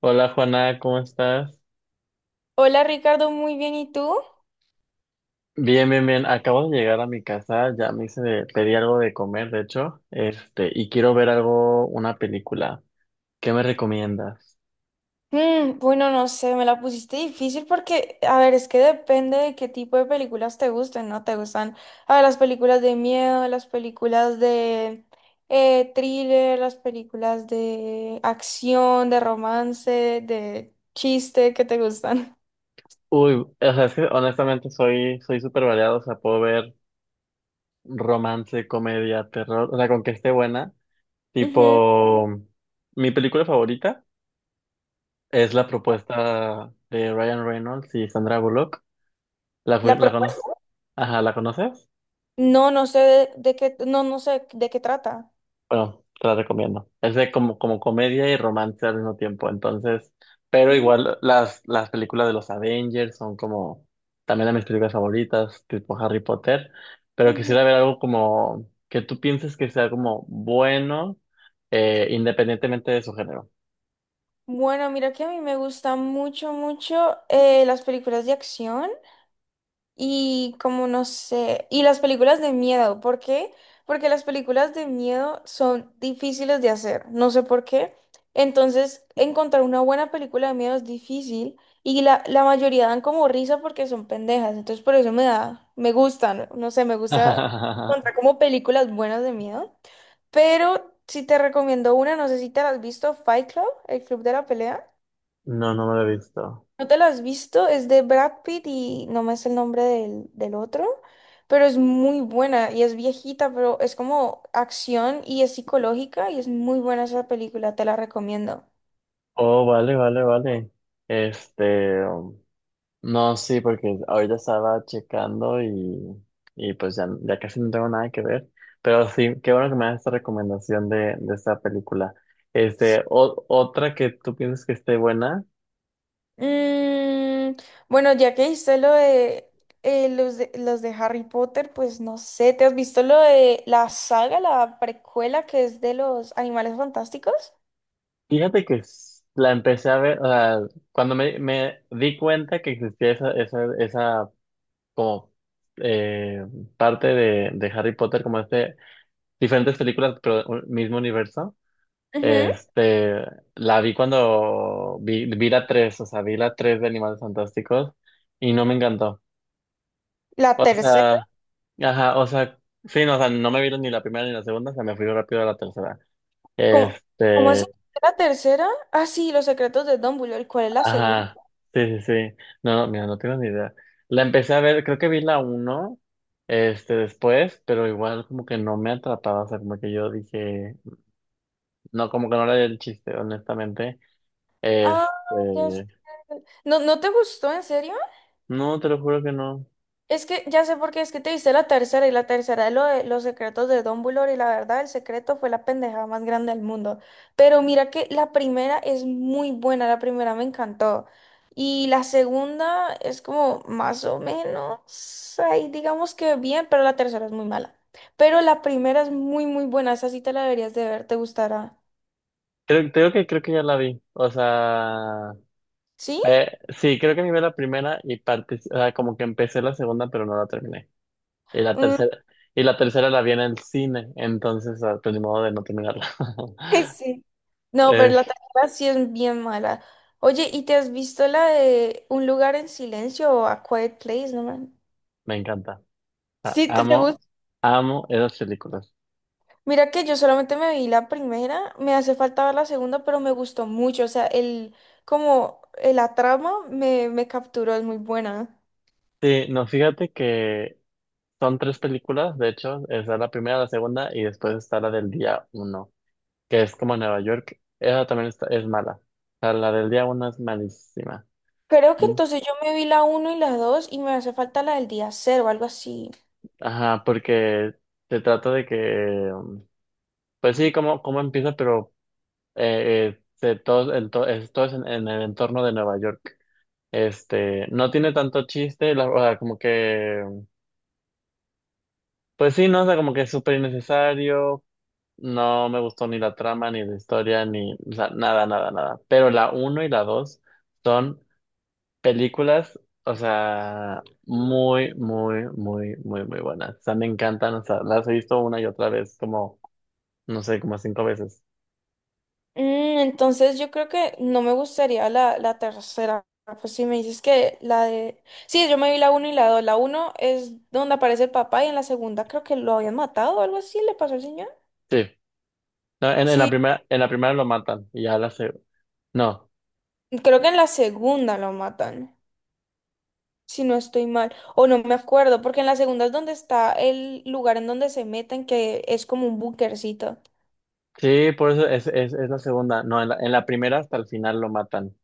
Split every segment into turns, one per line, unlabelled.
Hola Juana, ¿cómo estás?
Hola Ricardo, muy bien, ¿y tú?
Bien, bien, bien. Acabo de llegar a mi casa, ya me hice de, pedí algo de comer, de hecho, y quiero ver algo, una película. ¿Qué me recomiendas?
Mm, bueno, no sé, me la pusiste difícil porque, a ver, es que depende de qué tipo de películas te gusten, ¿no? ¿Te gustan, a ver, las películas de miedo, las películas de thriller, las películas de acción, de romance, de chiste, ¿qué te gustan?
Uy, o sea, es que honestamente soy súper variado, o sea, puedo ver romance, comedia, terror, o sea, con que esté buena.
Ujú.
Tipo, mi película favorita es La propuesta de Ryan Reynolds y Sandra Bullock. ¿
¿La
la
propuesta?
conoces? Ajá, ¿la conoces?
No, no sé de qué, no, no sé de qué trata.
Bueno, te la recomiendo. Es de como, como comedia y romance al mismo tiempo. Entonces, pero
Mm,
igual las películas de los Avengers son como también de mis películas favoritas, tipo Harry Potter. Pero
ujú.
quisiera ver algo como que tú pienses que sea como bueno, independientemente de su género.
Bueno, mira que a mí me gustan mucho, mucho, las películas de acción. Y como no sé, y las películas de miedo, ¿por qué? Porque las películas de miedo son difíciles de hacer, no sé por qué. Entonces, encontrar una buena película de miedo es difícil y la mayoría dan como risa porque son pendejas, entonces por eso me gustan, No sé, me gusta encontrar como películas buenas de miedo. Pero si te recomiendo una, no sé si te la has visto, Fight Club, el club de la pelea.
No, no me lo he visto.
¿No te lo has visto? Es de Brad Pitt y no me es el nombre del otro, pero es muy buena y es viejita, pero es como acción y es psicológica y es muy buena esa película, te la recomiendo.
Oh, vale, vale, vale. Este. um, No, sí, porque ahorita estaba checando, y pues ya, ya casi no tengo nada que ver. Pero sí, qué bueno que me das esta recomendación de esta película.
Sí.
Otra que tú piensas que esté buena.
Mm, bueno, ya que hice lo de, los de los de Harry Potter, pues no sé, ¿te has visto lo de la saga, la precuela que es de los Animales Fantásticos?
Fíjate que la empecé a ver, o sea, cuando me di cuenta que existía esa como eh, parte de Harry Potter, como diferentes películas, pero un mismo universo.
Ujú.
Este, la vi cuando vi la 3 o sea, vi la 3 de Animales Fantásticos y no me encantó.
La
O
tercera.
sea, ajá, o sea, sí, no, o sea, no me vieron ni la primera ni la segunda, o sea, me fui rápido a la tercera.
¿Cómo, cómo es
Este,
la tercera? Ah, sí, Los secretos de Dumbledore. ¿Cuál es la segunda?
ajá, sí, sí, sí. No, no, mira, no tengo ni idea. La empecé a ver, creo que vi la uno después, pero igual como que no me atrapaba, o sea, como que yo dije, no, como que no era el chiste, honestamente. Este,
Ah, ya sé. ¿No, no te gustó, en serio?
no, te lo juro que no.
Es que ya sé por qué, es que te viste la tercera y la tercera es lo de los secretos de Dumbledore y la verdad, el secreto fue la pendejada más grande del mundo. Pero mira que la primera es muy buena, la primera me encantó. Y la segunda es como más o menos, ahí digamos que bien, pero la tercera es muy mala. Pero la primera es muy, muy buena, esa sí te la deberías de ver, te gustará.
Creo que creo que ya la vi. O sea,
¿Sí?
sí, creo que me vi la primera y parte, o sea, como que empecé la segunda, pero no la terminé. Y la
Mm,
tercera, y la tercera la vi en el cine, entonces ah, pues ni modo de no terminarla.
sí. No, pero
Eh,
la tarjeta sí es bien mala. Oye, ¿y te has visto la de Un lugar en silencio o A Quiet Place? No me...
me encanta. Ah,
Sí, te
amo,
gusta.
amo esas películas.
Mira que yo solamente me vi la primera, me hace falta ver la segunda, pero me gustó mucho. O sea, como la trama me capturó, es muy buena.
Sí, no, fíjate que son tres películas, de hecho, está la primera, la segunda y después está la del día uno, que es como en Nueva York. Esa también está, es mala. O sea, la del día uno es malísima.
Creo que
Mm.
entonces yo me vi la uno y la 2 y me hace falta la del día cero o algo así.
Ajá, porque se trata de que, um, pues sí, cómo, cómo empieza, pero todo, es, todo es en el entorno de Nueva York. No tiene tanto chiste, la, o sea, como que, pues sí, no, o sea, como que es súper innecesario. No me gustó ni la trama, ni la historia, ni, o sea, nada, nada, nada. Pero la uno y la 2 son películas, o sea, muy, muy, muy, muy, muy buenas. O sea, me encantan, o sea, las he visto una y otra vez, como no sé, como cinco veces.
Mm, entonces yo creo que no me gustaría la tercera. Pues si me dices que la de... Sí, yo me vi la uno y la dos. La uno es donde aparece el papá y en la segunda creo que lo habían matado o algo así, le pasó al señor.
Sí. No, en, en la
Sí,
primera, en la primera lo matan y ya la se... No.
creo que en la segunda lo matan, si no estoy mal. O no me acuerdo, porque en la segunda es donde está el lugar en donde se meten, que es como un bunkercito.
Sí, por eso es la segunda. No, en la primera hasta el final lo matan.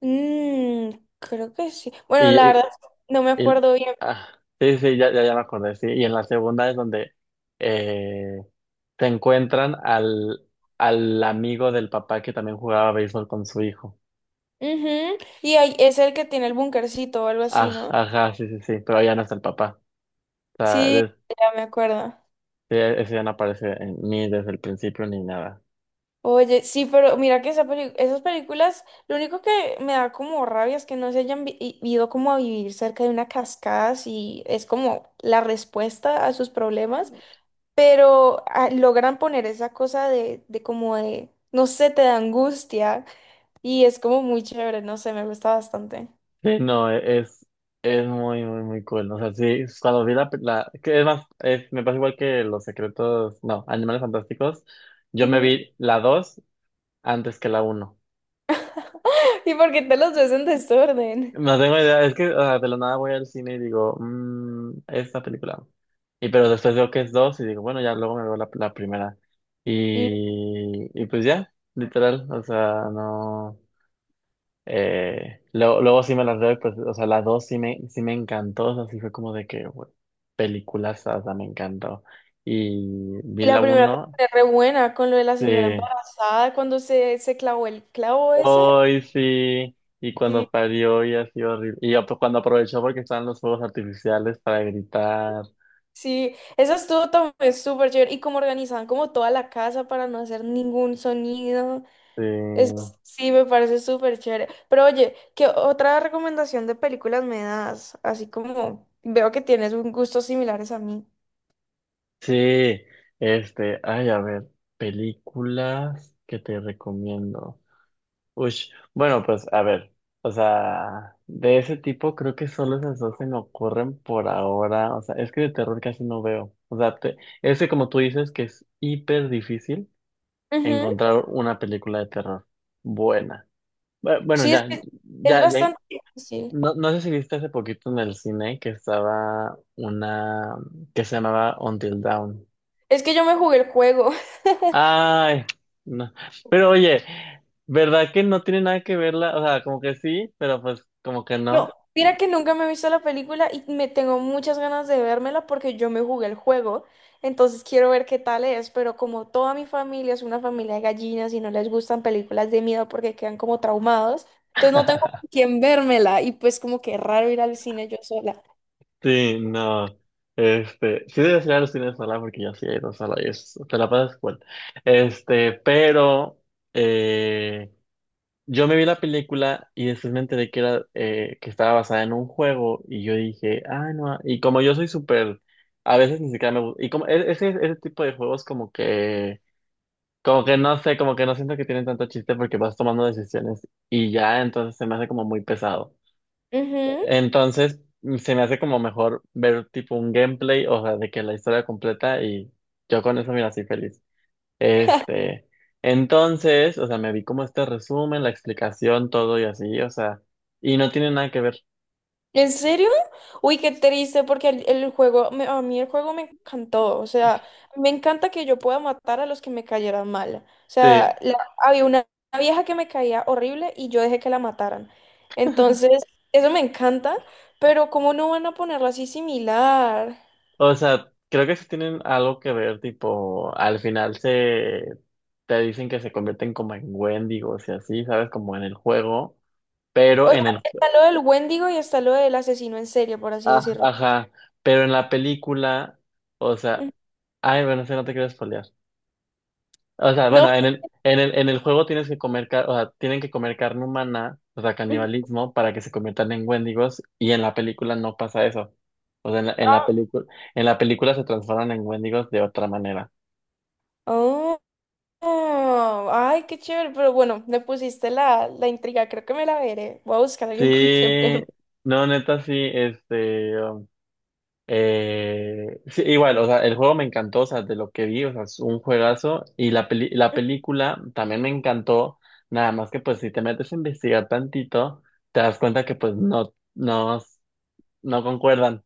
Mm, creo que sí. Bueno,
Y,
la
y-
verdad, no me
y-
acuerdo bien.
ah, sí, sí, ya me acordé, sí. Y en la segunda es donde eh, se encuentran al, al amigo del papá que también jugaba béisbol con su hijo.
Ujú, y ahí es el que tiene el bunkercito o algo así, ¿no?
Ajá, sí, sí, sí, pero ya no está el papá. O sea,
Sí,
des-
ya me acuerdo.
sí, ese ya no aparece en, ni desde el principio ni nada.
Oye, sí, pero mira que esa esas películas, lo único que me da como rabia es que no se hayan ido como a vivir cerca de una cascada, si es como la respuesta a sus problemas, pero ah, logran poner esa cosa de, no sé, te da angustia y es como muy chévere, no sé, me gusta bastante.
Sí, no, es muy, muy, muy cool. O sea, sí, cuando vi la, la que es más, me pasa igual que Los Secretos, no, Animales Fantásticos. Yo me
Ujú.
vi la 2 antes que la uno.
¿Y porque te los ves en desorden?
No tengo idea, es que o sea, de la nada voy al cine y digo, mmm, esta película. Y pero después veo que es 2 y digo, bueno, ya luego me veo la primera.
Mm,
Y pues ya, literal, o sea, no. Luego, luego sí me las veo, pues, o sea, la dos sí me encantó, o sea, sí fue como de que, güey, películas, o sea, me encantó. Y vi
y la
la
primera temporada
uno,
es re buena con lo de la
sí,
señora embarazada, cuando se clavó el clavo ese.
hoy sí, y
Sí,
cuando parió y así horrible. Cuando aprovechó porque estaban los fuegos artificiales para gritar,
sí, eso estuvo también súper chévere. Y como organizaban como toda la casa para no hacer ningún sonido.
sí,
Es, sí, me parece súper chévere. Pero oye, ¿qué otra recomendación de películas me das? Así como veo que tienes un gustos similares a mí.
sí, este, ay, a ver, películas que te recomiendo. Ush, bueno, pues a ver, o sea, de ese tipo creo que solo esas dos se me ocurren por ahora, o sea, es que de terror casi no veo, o sea, es que como tú dices que es hiper difícil
Ujú.
encontrar una película de terror buena. Bueno,
Sí, es
ya,
que es
ya, ya,
bastante difícil.
no, no sé si viste hace poquito en el cine que estaba una que se llamaba Until Dawn.
Es que yo me jugué el juego.
Ay, no. Pero oye, ¿verdad que no tiene nada que verla? O sea, como que sí, pero pues como que
No,
no.
mira que nunca me he visto la película y me tengo muchas ganas de vérmela porque yo me jugué el juego, entonces quiero ver qué tal es, pero como toda mi familia es una familia de gallinas y no les gustan películas de miedo porque quedan como traumados, entonces no tengo con quién vérmela y pues como que raro ir al cine yo sola.
Sí, no. Este, sí debes ir a los cines sola porque yo sí he ido sola y es, te la pasas cool. Este, pero eh, yo me vi la película y después me enteré que era que estaba basada en un juego y yo dije, ah, no. Y como yo soy súper, a veces ni siquiera me gusta. Y como ese, ese tipo de juegos como que como que no sé, como que no siento que tienen tanto chiste porque vas tomando decisiones y ya, entonces se me hace como muy pesado.
Ujú.
Entonces se me hace como mejor ver tipo un gameplay, o sea, de que la historia completa y yo con eso, mira, así feliz. Este, entonces, o sea, me vi como este resumen, la explicación, todo y así, o sea, y no tiene nada que ver.
¿En serio? Uy, qué triste, porque el juego, a mí el juego me encantó. O sea, me encanta que yo pueda matar a los que me cayeran mal. O sea,
Sí,
había una vieja que me caía horrible y yo dejé que la mataran. Entonces, eso me encanta, pero ¿cómo no van a ponerlo así similar?
o sea, creo que sí tienen algo que ver, tipo, al final se te dicen que se convierten como en Wendigos y así, ¿sabes? Como en el juego, pero
O sea,
en el,
está lo del Wendigo y está lo del asesino en serie, por así
ah,
decirlo.
ajá, pero en la película, o sea,
Ujú.
ay, bueno, sé, no te quiero spoilear. O sea,
No.
bueno, en el juego tienes que comer, o sea, tienen que comer carne humana, o sea,
Ujú.
canibalismo, para que se conviertan en Wendigos, y en la película no pasa eso. O sea, en la película se transforman en Wendigos de otra manera.
Ah. Ah, ay, qué chévere, pero bueno, me pusiste la intriga, creo que me la veré. Voy a buscar a alguien con quien
Sí,
verme.
no, neta, sí, este, sí, igual, o sea, el juego me encantó, o sea, de lo que vi, o sea, es un juegazo, y la película también me encantó, nada más que pues si te metes a investigar tantito, te das cuenta que pues no, no, no concuerdan.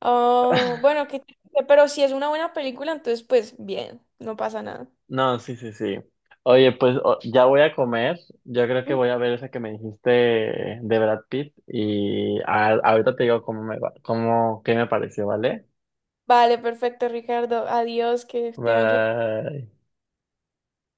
Ah, bueno, qué triste, pero si es una buena película, entonces pues bien, no pasa nada.
No, sí, sí, sí. Oye, pues ya voy a comer, yo creo que voy a ver esa que me dijiste de Brad Pitt, y ahorita te digo cómo me va, cómo, qué me pareció, ¿vale?
Vale, perfecto, Ricardo. Adiós, que tengas
Bye.